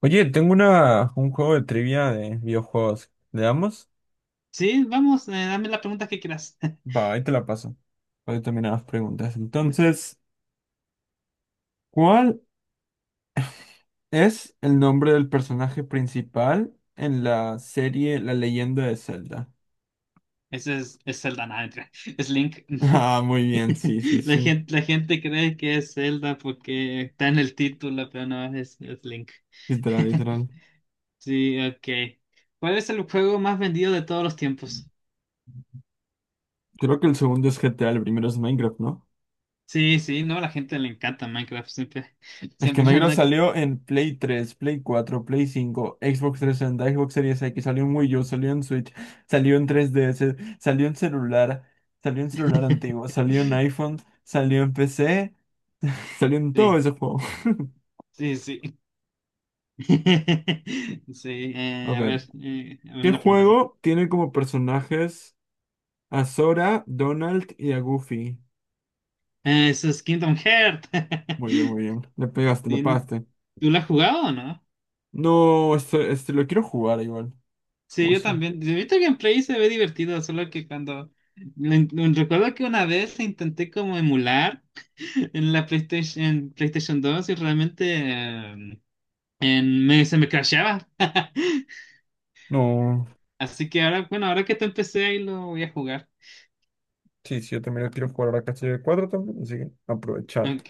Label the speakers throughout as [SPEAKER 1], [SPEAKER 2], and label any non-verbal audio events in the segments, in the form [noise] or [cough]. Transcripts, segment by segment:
[SPEAKER 1] Oye, tengo un juego de trivia de videojuegos. ¿Le damos?
[SPEAKER 2] Sí, vamos, dame la pregunta que quieras. [laughs]
[SPEAKER 1] Va, ahí te la paso. Voy terminar las preguntas. Entonces, ¿cuál es el nombre del personaje principal en la serie La Leyenda de Zelda?
[SPEAKER 2] Ese es Zelda, nada, mentira, es Link.
[SPEAKER 1] [laughs]
[SPEAKER 2] [laughs]
[SPEAKER 1] Ah, muy bien, sí, sí,
[SPEAKER 2] La
[SPEAKER 1] sí.
[SPEAKER 2] gente, la gente cree que es Zelda porque está en el título, pero no, es Link.
[SPEAKER 1] Literal,
[SPEAKER 2] [laughs]
[SPEAKER 1] literal.
[SPEAKER 2] Sí, ok. ¿Cuál es el juego más vendido de todos los tiempos?
[SPEAKER 1] Creo que el segundo es GTA, el primero es Minecraft, ¿no?
[SPEAKER 2] Sí, sí, no, a la gente le encanta Minecraft, siempre, [laughs]
[SPEAKER 1] Es que
[SPEAKER 2] siempre
[SPEAKER 1] Minecraft
[SPEAKER 2] anda con.
[SPEAKER 1] salió en Play 3, Play 4, Play 5, Xbox 360, Xbox Series X, salió en Wii U, salió en Switch, salió en 3DS, salió en celular antiguo,
[SPEAKER 2] [laughs]
[SPEAKER 1] salió en iPhone, salió en PC, salió en todo
[SPEAKER 2] Sí,
[SPEAKER 1] ese juego. [laughs]
[SPEAKER 2] sí, sí. [laughs] Sí,
[SPEAKER 1] A ver,
[SPEAKER 2] a ver,
[SPEAKER 1] ¿qué
[SPEAKER 2] una pregunta a mí.
[SPEAKER 1] juego tiene como personajes a Sora, Donald y a Goofy?
[SPEAKER 2] Eso es Kingdom Hearts.
[SPEAKER 1] Muy bien, muy bien. Le
[SPEAKER 2] [laughs]
[SPEAKER 1] pegaste, le
[SPEAKER 2] ¿Tien-
[SPEAKER 1] pagaste.
[SPEAKER 2] ¿Tú la has jugado o no?
[SPEAKER 1] No, este lo quiero jugar igual.
[SPEAKER 2] Sí,
[SPEAKER 1] ¿Cómo
[SPEAKER 2] yo
[SPEAKER 1] son?
[SPEAKER 2] también. Yo he visto gameplay y se ve divertido, solo que cuando. Recuerdo que una vez intenté como emular [laughs] en PlayStation 2 y realmente eh, se me crasheaba. [laughs]
[SPEAKER 1] No.
[SPEAKER 2] Así que ahora, bueno, ahora que te empecé ahí lo voy a jugar.
[SPEAKER 1] Sí, sí, yo también lo quiero jugar ahora casi de 4 también, así que aprovechar.
[SPEAKER 2] Ok,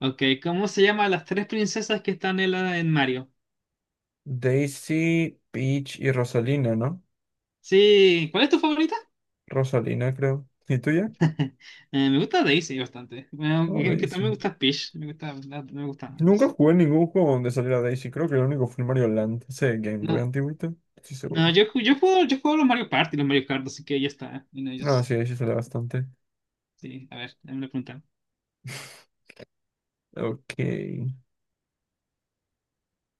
[SPEAKER 2] ok, ¿cómo se llaman las tres princesas que están en Mario?
[SPEAKER 1] Daisy, Peach y Rosalina, ¿no?
[SPEAKER 2] Sí, ¿cuál es tu favorita?
[SPEAKER 1] Rosalina, creo. ¿Y tuya?
[SPEAKER 2] [laughs] Me gusta Daisy bastante. Bueno,
[SPEAKER 1] No,
[SPEAKER 2] que también
[SPEAKER 1] Daisy.
[SPEAKER 2] me gusta Peach. Me gustan
[SPEAKER 1] Nunca
[SPEAKER 2] ambos.
[SPEAKER 1] jugué ningún juego donde saliera Daisy. Creo que el único fue el Mario Land. Ese de Game Boy
[SPEAKER 2] No,
[SPEAKER 1] antiguito. Sí,
[SPEAKER 2] no,
[SPEAKER 1] seguro.
[SPEAKER 2] yo juego los Mario Party y los Mario Kart, así que ya está. En
[SPEAKER 1] No,
[SPEAKER 2] ellos,
[SPEAKER 1] sí, Daisy sale bastante.
[SPEAKER 2] sí, a ver, me lo preguntan.
[SPEAKER 1] [laughs] Ok.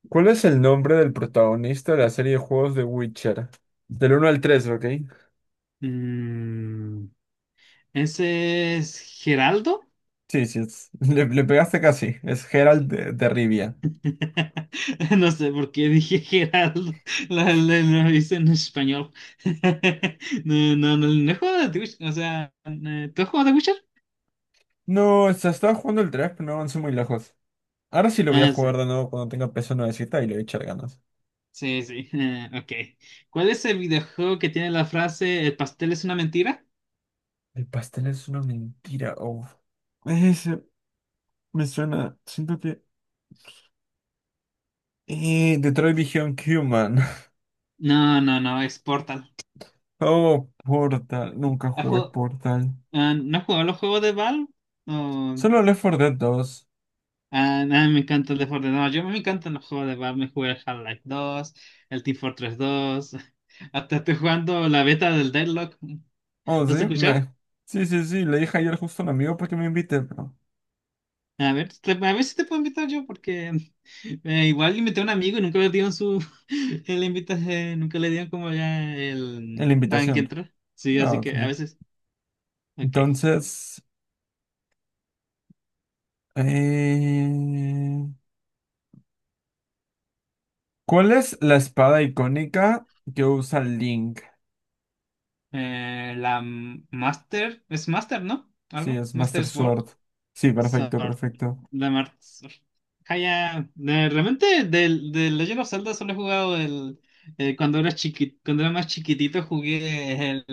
[SPEAKER 1] ¿Cuál es el nombre del protagonista de la serie de juegos de Witcher? Del uno al 3, ¿ok?
[SPEAKER 2] Mm, ¿Ese es Geraldo?
[SPEAKER 1] Sí, sí, le pegaste casi. Es Geralt de Rivia.
[SPEAKER 2] [laughs] No sé por qué dije Geraldo. [laughs] Lo hice en español. [laughs] No, no, no, no he jugado de Witcher. O sea, ¿tú has jugado de Witcher?
[SPEAKER 1] No, se estaba jugando el tres, pero no avancé muy lejos. Ahora sí lo voy a
[SPEAKER 2] Ah,
[SPEAKER 1] jugar
[SPEAKER 2] sí.
[SPEAKER 1] de nuevo cuando tenga peso nuevecita y le voy a echar ganas.
[SPEAKER 2] Sí, sí. Ok. ¿Cuál es el videojuego que tiene la frase El pastel es una mentira?
[SPEAKER 1] El pastel es una mentira. Oh. Ese me suena. Siento que. Detroit Become Human. [laughs]
[SPEAKER 2] No, no, no, es Portal.
[SPEAKER 1] Oh, Portal. Nunca jugué Portal.
[SPEAKER 2] Ah, ¿no has jugado los juegos de Valve? O
[SPEAKER 1] Solo Left 4 Dead dos.
[SPEAKER 2] ah, nada, me encanta el de Fortnite. No, yo me encantan los juegos de Valve. Me jugué el Half-Life 2, el Team Fortress 2. [laughs] Hasta estoy jugando la beta del Deadlock.
[SPEAKER 1] Oh,
[SPEAKER 2] ¿Lo
[SPEAKER 1] sí,
[SPEAKER 2] has escuchado?
[SPEAKER 1] me. Sí, sí, sí. Le dije ayer justo a un amigo para que me invite pero.
[SPEAKER 2] A ver si te puedo invitar yo, porque [laughs] igual invité a un amigo y nunca le dieron su. [laughs] El invita, nunca le dieron como ya
[SPEAKER 1] En
[SPEAKER 2] el
[SPEAKER 1] la
[SPEAKER 2] tan que
[SPEAKER 1] invitación.
[SPEAKER 2] entró. Sí,
[SPEAKER 1] Ah,
[SPEAKER 2] así
[SPEAKER 1] ok.
[SPEAKER 2] que a veces. Ok.
[SPEAKER 1] Entonces. eh, ¿Cuál es la espada icónica que usa Link?
[SPEAKER 2] La Master. Es Master, ¿no?
[SPEAKER 1] Sí,
[SPEAKER 2] ¿Algo?
[SPEAKER 1] es
[SPEAKER 2] Master
[SPEAKER 1] Master
[SPEAKER 2] Sword.
[SPEAKER 1] Sword. Sí, perfecto,
[SPEAKER 2] Sword.
[SPEAKER 1] perfecto.
[SPEAKER 2] Sword. Jaya. Realmente del Legend of Zelda solo he jugado el. Cuando era más chiquitito jugué el,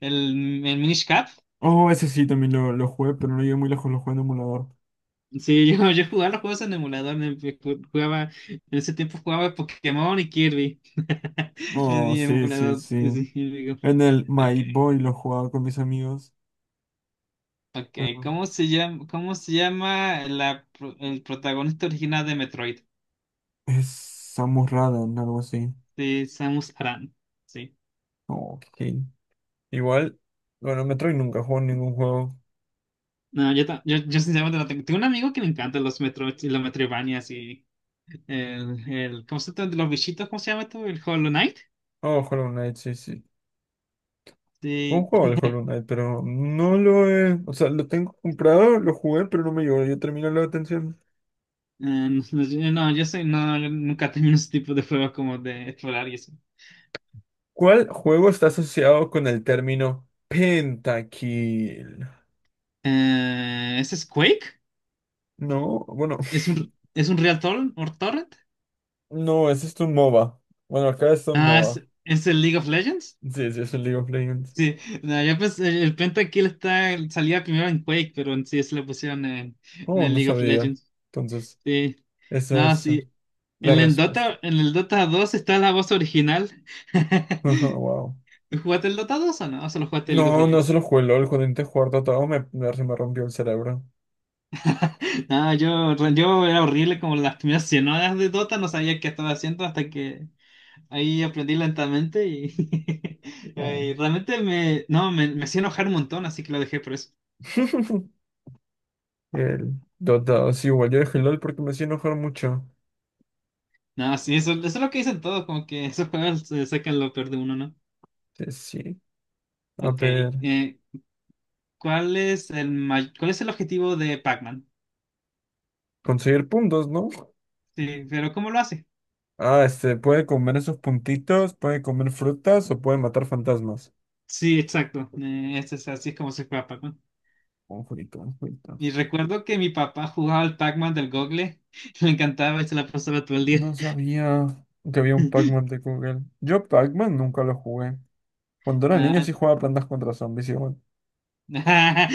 [SPEAKER 2] el, el Minish Cap.
[SPEAKER 1] Oh, ese sí, también lo jugué, pero no llegué muy lejos, lo jugué en emulador.
[SPEAKER 2] Sí, [laughs] yo jugaba los juegos en emulador, en ese tiempo jugaba Pokémon y Kirby. [laughs] En
[SPEAKER 1] Oh,
[SPEAKER 2] mi
[SPEAKER 1] sí, sí,
[SPEAKER 2] emulador.
[SPEAKER 1] sí.
[SPEAKER 2] Sí, digo,
[SPEAKER 1] En el
[SPEAKER 2] ok,
[SPEAKER 1] My Boy lo jugaba con mis amigos,
[SPEAKER 2] ok.
[SPEAKER 1] pero
[SPEAKER 2] ¿Cómo se llama el protagonista original de Metroid?
[SPEAKER 1] es Samus Aran, algo así.
[SPEAKER 2] De Samus Aran. Sí.
[SPEAKER 1] Oh, ok. Igual, bueno, Metroid nunca jugó ningún juego.
[SPEAKER 2] No, yo sinceramente no tengo. Tengo un amigo que le encanta los Metro y los Metroidvanias y el ¿cómo se llama? Los bichitos, ¿cómo se llama esto? El Hollow Knight.
[SPEAKER 1] Oh, Hollow Knight, sí, sí. Un
[SPEAKER 2] Sí.
[SPEAKER 1] juego de Hollow Knight, pero no lo he... O sea, lo tengo comprado, lo jugué, pero no me llegó. Yo terminé la atención.
[SPEAKER 2] eh, no, yo nunca [laughs] termino ese tipo de juegos como de explorar y eso.
[SPEAKER 1] ¿Cuál juego está asociado con el término pentakill?
[SPEAKER 2] ¿Ese es Quake?
[SPEAKER 1] No, bueno...
[SPEAKER 2] ¿Es un,
[SPEAKER 1] [laughs]
[SPEAKER 2] es un Real Torrent? ¿Or Torrent?
[SPEAKER 1] No, ese es un MOBA. Bueno, acá es un
[SPEAKER 2] Ah,
[SPEAKER 1] MOBA.
[SPEAKER 2] ¿es el League of Legends?
[SPEAKER 1] Sí, sí, es un League of Legends.
[SPEAKER 2] Sí, no, yo pensé, el Pentakill salía primero en Quake, pero en sí se lo pusieron en
[SPEAKER 1] Oh,
[SPEAKER 2] el
[SPEAKER 1] no
[SPEAKER 2] League of
[SPEAKER 1] sabía.
[SPEAKER 2] Legends.
[SPEAKER 1] Entonces,
[SPEAKER 2] Sí.
[SPEAKER 1] esa
[SPEAKER 2] No,
[SPEAKER 1] es
[SPEAKER 2] sí.
[SPEAKER 1] la
[SPEAKER 2] En el
[SPEAKER 1] respuesta.
[SPEAKER 2] Dota, en el Dota dos está la voz original. [laughs]
[SPEAKER 1] [laughs] Wow.
[SPEAKER 2] ¿Jugaste el Dota 2 o no? ¿O solo jugaste League of
[SPEAKER 1] No, no se
[SPEAKER 2] Legends?
[SPEAKER 1] lo jugué LOL. Cuando intenté jugar Dota 2 se me rompió el cerebro.
[SPEAKER 2] No, yo era horrible como las primeras 100 horas de Dota, no sabía qué estaba haciendo hasta que ahí aprendí lentamente y, [laughs]
[SPEAKER 1] Oh.
[SPEAKER 2] y realmente no, me hacía enojar un montón, así que lo dejé por eso.
[SPEAKER 1] [laughs] El Dota 2, igual yo dejé LOL porque me hacía enojar mucho.
[SPEAKER 2] No, sí, eso es lo que dicen todos, como que esos juegos sacan lo peor de uno, ¿no?
[SPEAKER 1] Sí, sí. A
[SPEAKER 2] Ok,
[SPEAKER 1] ver,
[SPEAKER 2] eh, ¿cuál es el objetivo de Pac-Man?
[SPEAKER 1] conseguir puntos, ¿no?
[SPEAKER 2] Sí, pero ¿cómo lo hace?
[SPEAKER 1] Ah, este, puede comer esos puntitos, puede comer frutas o puede matar fantasmas.
[SPEAKER 2] Sí, exacto. Es así es como se juega Pac-Man.
[SPEAKER 1] Un jueguito, un jueguito.
[SPEAKER 2] Y recuerdo que mi papá jugaba al Pac-Man del Google. [laughs] Me encantaba y se la pasaba todo el día.
[SPEAKER 1] No sabía que había un Pac-Man de Google. Yo Pac-Man nunca lo jugué. Cuando era niño
[SPEAKER 2] Ah,
[SPEAKER 1] sí jugaba Plantas contra Zombies igual.
[SPEAKER 2] [laughs] ah,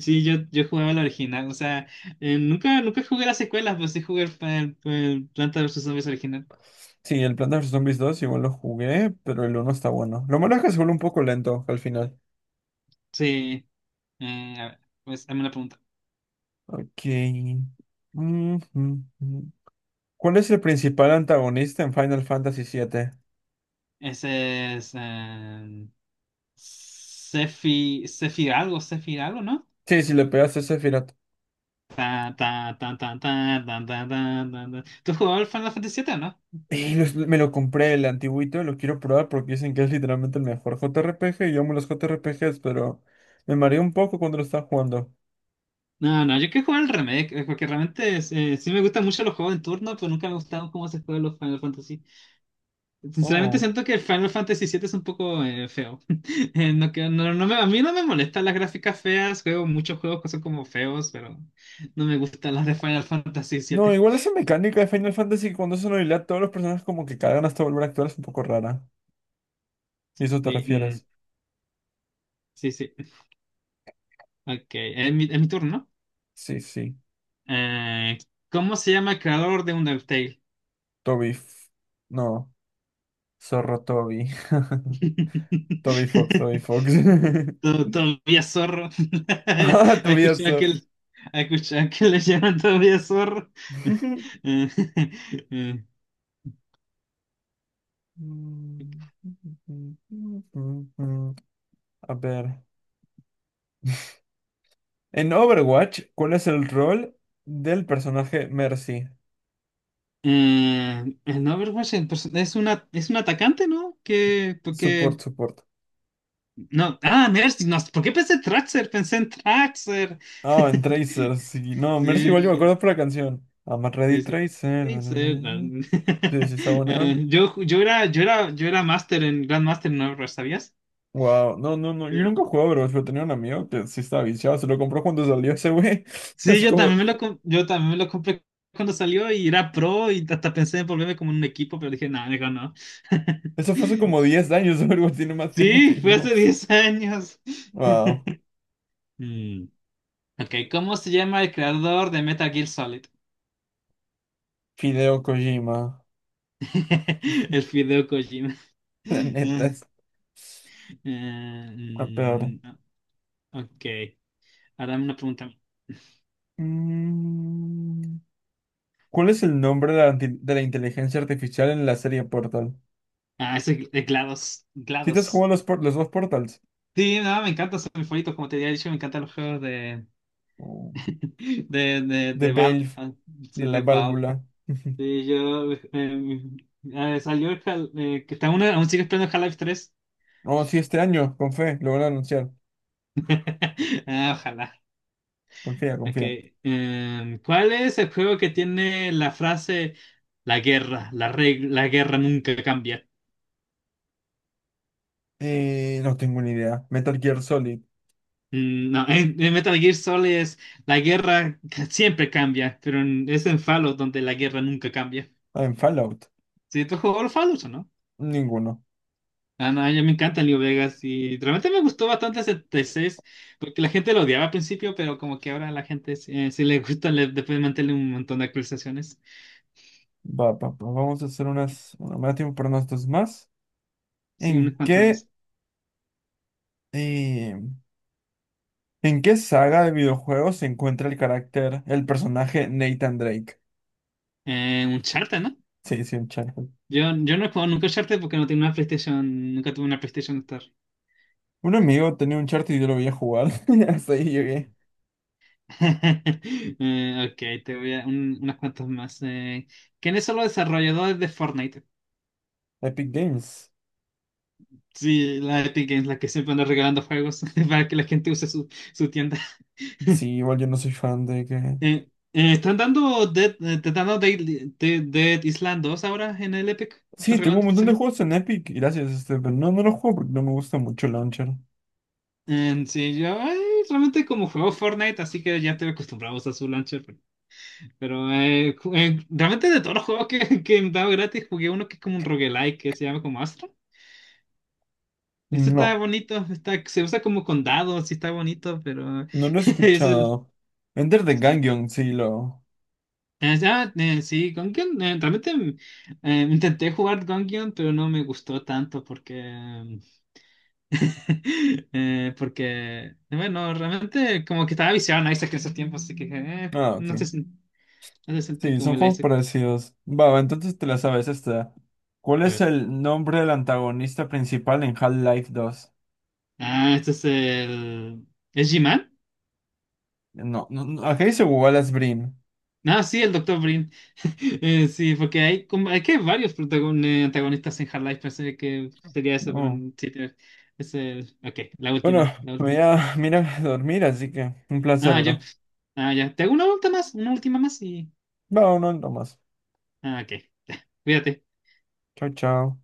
[SPEAKER 2] sí, yo jugaba el original. O sea, nunca jugué las secuelas, pues sí jugué el Planta vs. Zombies original.
[SPEAKER 1] Sí, el Plantas contra Zombies 2 igual lo jugué, pero el uno está bueno. Lo malo es que se vuelve un poco lento al final.
[SPEAKER 2] Sí. A ver, pues dame una pregunta.
[SPEAKER 1] Ok. Mm, mm, mm. ¿Cuál es el principal antagonista en Final Fantasy siete?
[SPEAKER 2] Ese es. Sephi, Sephi algo, ¿no?
[SPEAKER 1] Sí, si le pegas a Sephiroth.
[SPEAKER 2] Ta, ta, ta, ta, ta, ta, ta, ta, ta, ta. ¿Tú has jugado al Final Fantasy VII, no?
[SPEAKER 1] Y los- me lo compré el antiguito, lo quiero probar porque dicen que es literalmente el mejor JRPG. Y yo amo los JRPGs, pero me mareé un poco cuando lo estaba jugando.
[SPEAKER 2] No, no, yo quiero jugar al remake, porque realmente sí me gustan mucho los juegos en turno, pero nunca me gustaron cómo se juegan los Final Fantasy. Sinceramente
[SPEAKER 1] Oh.
[SPEAKER 2] siento que el Final Fantasy VII es un poco feo. [laughs] No, a mí no me molestan las gráficas feas, juego muchos juegos que son como feos, pero no me gustan las de Final Fantasy
[SPEAKER 1] No,
[SPEAKER 2] VII.
[SPEAKER 1] igual esa mecánica de Final Fantasy que cuando es una habilidad, todos los personajes como que cagan hasta volver a actuar es un poco rara. ¿Y eso te
[SPEAKER 2] Sí, mm,
[SPEAKER 1] refieres?
[SPEAKER 2] sí, sí. Ok, es mi turno. ¿No?
[SPEAKER 1] Sí, sí.
[SPEAKER 2] Eh, ¿Cómo se llama el creador de Undertale?
[SPEAKER 1] Toby. No, Zorro Toby. [laughs] Toby Fox, Toby Fox.
[SPEAKER 2] [laughs]
[SPEAKER 1] [laughs]
[SPEAKER 2] Todavía zorro. [laughs]
[SPEAKER 1] Ah,
[SPEAKER 2] ¿Has
[SPEAKER 1] Tobias
[SPEAKER 2] escuchado que,
[SPEAKER 1] Zorro.
[SPEAKER 2] el- has escuchado que le llaman todavía zorro?
[SPEAKER 1] [laughs]
[SPEAKER 2] [laughs] Eh, eh,
[SPEAKER 1] A ver. En Overwatch, ¿cuál es el rol del personaje Mercy?
[SPEAKER 2] el Overwatch en es un atacante, ¿no? Que, porque,
[SPEAKER 1] Support, support.
[SPEAKER 2] no, ah, Mercy, no, ¿por qué pensé en Traxxer? Pensé en Traxxer.
[SPEAKER 1] Ah, en
[SPEAKER 2] [laughs]
[SPEAKER 1] Tracer, sí. No, Mercy
[SPEAKER 2] Sí,
[SPEAKER 1] igual yo me acuerdo por la canción. I'm a
[SPEAKER 2] sí,
[SPEAKER 1] Ready
[SPEAKER 2] sí.
[SPEAKER 1] Tracer. Na, na, na,
[SPEAKER 2] Traxxer, no.
[SPEAKER 1] na. Sí, sí,
[SPEAKER 2] [laughs]
[SPEAKER 1] está buena.
[SPEAKER 2] Yo era máster en Grandmaster en Overwatch, ¿sabías?
[SPEAKER 1] Wow, no, no, no. Yo nunca
[SPEAKER 2] Eh,
[SPEAKER 1] jugaba Overwatch, pero tenía un amigo que sí estaba viciado. Se lo compró cuando salió ese güey. [laughs]
[SPEAKER 2] Sí,
[SPEAKER 1] Hace como,
[SPEAKER 2] yo también me lo compré cuando salió y era pro y hasta pensé en volverme como un equipo, pero dije, no, mejor no.
[SPEAKER 1] eso fue hace
[SPEAKER 2] [laughs]
[SPEAKER 1] como 10 años. [laughs] Overwatch tiene más tiempo
[SPEAKER 2] Sí,
[SPEAKER 1] que
[SPEAKER 2] fue
[SPEAKER 1] yo.
[SPEAKER 2] hace 10 años.
[SPEAKER 1] Wow.
[SPEAKER 2] Mm, ok, ¿cómo se llama el creador de Metal Gear Solid?
[SPEAKER 1] Fideo Kojima.
[SPEAKER 2] [laughs] El Fideo Kojima.
[SPEAKER 1] [laughs] La neta
[SPEAKER 2] [laughs]
[SPEAKER 1] es
[SPEAKER 2] Eh,
[SPEAKER 1] la peor.
[SPEAKER 2] mm, ok, ahora una pregunta.
[SPEAKER 1] Mm, ¿Cuál es el nombre de la inteligencia artificial en la serie Portal?
[SPEAKER 2] Ah, ese es GLaDOS.
[SPEAKER 1] ¿Si te has
[SPEAKER 2] GLaDOS.
[SPEAKER 1] jugado los dos Portals?
[SPEAKER 2] Sí, no, me encanta, soy mi favorito, como te había dicho, me encantan los juegos de,
[SPEAKER 1] Oh,
[SPEAKER 2] De, de,
[SPEAKER 1] The
[SPEAKER 2] de Valve,
[SPEAKER 1] Valve.
[SPEAKER 2] ah,
[SPEAKER 1] De
[SPEAKER 2] sí,
[SPEAKER 1] la
[SPEAKER 2] de Valve.
[SPEAKER 1] válvula. [laughs]
[SPEAKER 2] Sí, yo salió que está una, aún sigue esperando Half-Life 3.
[SPEAKER 1] Oh, sí, este año, con fe, lo van a anunciar.
[SPEAKER 2] [laughs] Ah, ojalá.
[SPEAKER 1] Confía, confía.
[SPEAKER 2] Okay. ¿Cuál es el juego que tiene la frase la guerra nunca cambia?
[SPEAKER 1] No tengo ni idea. Metal Gear Solid.
[SPEAKER 2] No, en Metal Gear Solid es siempre cambia, pero es en Fallout donde la guerra nunca cambia.
[SPEAKER 1] Ah, en Fallout.
[SPEAKER 2] ¿Sí tú has jugado al Fallout o no?
[SPEAKER 1] Ninguno.
[SPEAKER 2] Ah, no, ya me encanta Leo Vegas y realmente me gustó bastante ese 6 porque la gente lo odiaba al principio, pero como que ahora a la gente sí le gusta, le, después mantener un montón de actualizaciones.
[SPEAKER 1] Va, vamos a hacer unas. Bueno, me da tiempo para unas dos más.
[SPEAKER 2] Sí, unos
[SPEAKER 1] ¿En
[SPEAKER 2] cuantos
[SPEAKER 1] qué.
[SPEAKER 2] más.
[SPEAKER 1] eh, ¿En qué saga de videojuegos se encuentra el carácter, el personaje Nathan Drake?
[SPEAKER 2] Un charter, ¿no?
[SPEAKER 1] Sí, sí, Uncharted.
[SPEAKER 2] Yo no he jugado nunca charter porque no tengo una PlayStation, nunca tuve una PlayStation Store.
[SPEAKER 1] Un amigo tenía un Uncharted y yo lo veía jugar. [laughs] Hasta ahí llegué.
[SPEAKER 2] [laughs] Ok, te voy a unas cuantas más. ¿Quiénes son los desarrolladores de Fortnite?
[SPEAKER 1] Epic Games.
[SPEAKER 2] Sí, la Epic Games, la que siempre anda regalando juegos [laughs] para que la gente use su tienda.
[SPEAKER 1] Sí, igual yo no soy fan de que.
[SPEAKER 2] ¿Te están dando Dead Island 2 ahora en el Epic? ¿Están
[SPEAKER 1] Sí, tengo
[SPEAKER 2] regalando
[SPEAKER 1] un
[SPEAKER 2] esta
[SPEAKER 1] montón de
[SPEAKER 2] semana?
[SPEAKER 1] juegos en Epic, gracias, este, pero no, no los juego porque no me gusta mucho el launcher.
[SPEAKER 2] Sí, yo ay, realmente como juego Fortnite, así que ya te acostumbramos a su launcher. Pero realmente de todos los juegos que me han dado gratis, jugué uno que es como un roguelike que se llama como Astra. Este está
[SPEAKER 1] No,
[SPEAKER 2] bonito, está, se usa como con dados, sí está bonito, pero
[SPEAKER 1] no lo he
[SPEAKER 2] [laughs] es el.
[SPEAKER 1] escuchado. Enter the
[SPEAKER 2] Sí.
[SPEAKER 1] Gungeon, sí, lo...
[SPEAKER 2] Ya, sí, Gungeon, realmente. Intenté jugar Gungeon, pero no me gustó tanto porque [laughs] porque, bueno, realmente como que estaba viciado en Isaac en esos tiempos, así que
[SPEAKER 1] Ah, ok.
[SPEAKER 2] no se siente
[SPEAKER 1] Sí,
[SPEAKER 2] como
[SPEAKER 1] son
[SPEAKER 2] el
[SPEAKER 1] juegos
[SPEAKER 2] Isaac.
[SPEAKER 1] parecidos. Va, va, entonces te la sabes esta. ¿Cuál
[SPEAKER 2] A
[SPEAKER 1] es
[SPEAKER 2] ver.
[SPEAKER 1] el nombre del antagonista principal en Half-Life dos?
[SPEAKER 2] Ah, este es el. ¿Es G-Man?
[SPEAKER 1] No, no, no, acá dice Wallace Brim.
[SPEAKER 2] No, sí, el doctor Brin. [laughs] Sí, porque hay, como, hay que hay varios antagonistas en Half-Life, pensé que sería eso, pero
[SPEAKER 1] No.
[SPEAKER 2] no, sí, es el. Ok, la
[SPEAKER 1] Bueno,
[SPEAKER 2] última, la última.
[SPEAKER 1] me iré a dormir, así que un placer,
[SPEAKER 2] Ah, ya.
[SPEAKER 1] bro.
[SPEAKER 2] Ah, ya. Te hago una última más y.
[SPEAKER 1] Va, no, no, más.
[SPEAKER 2] Ah, ok. Cuídate.
[SPEAKER 1] Chao, chao.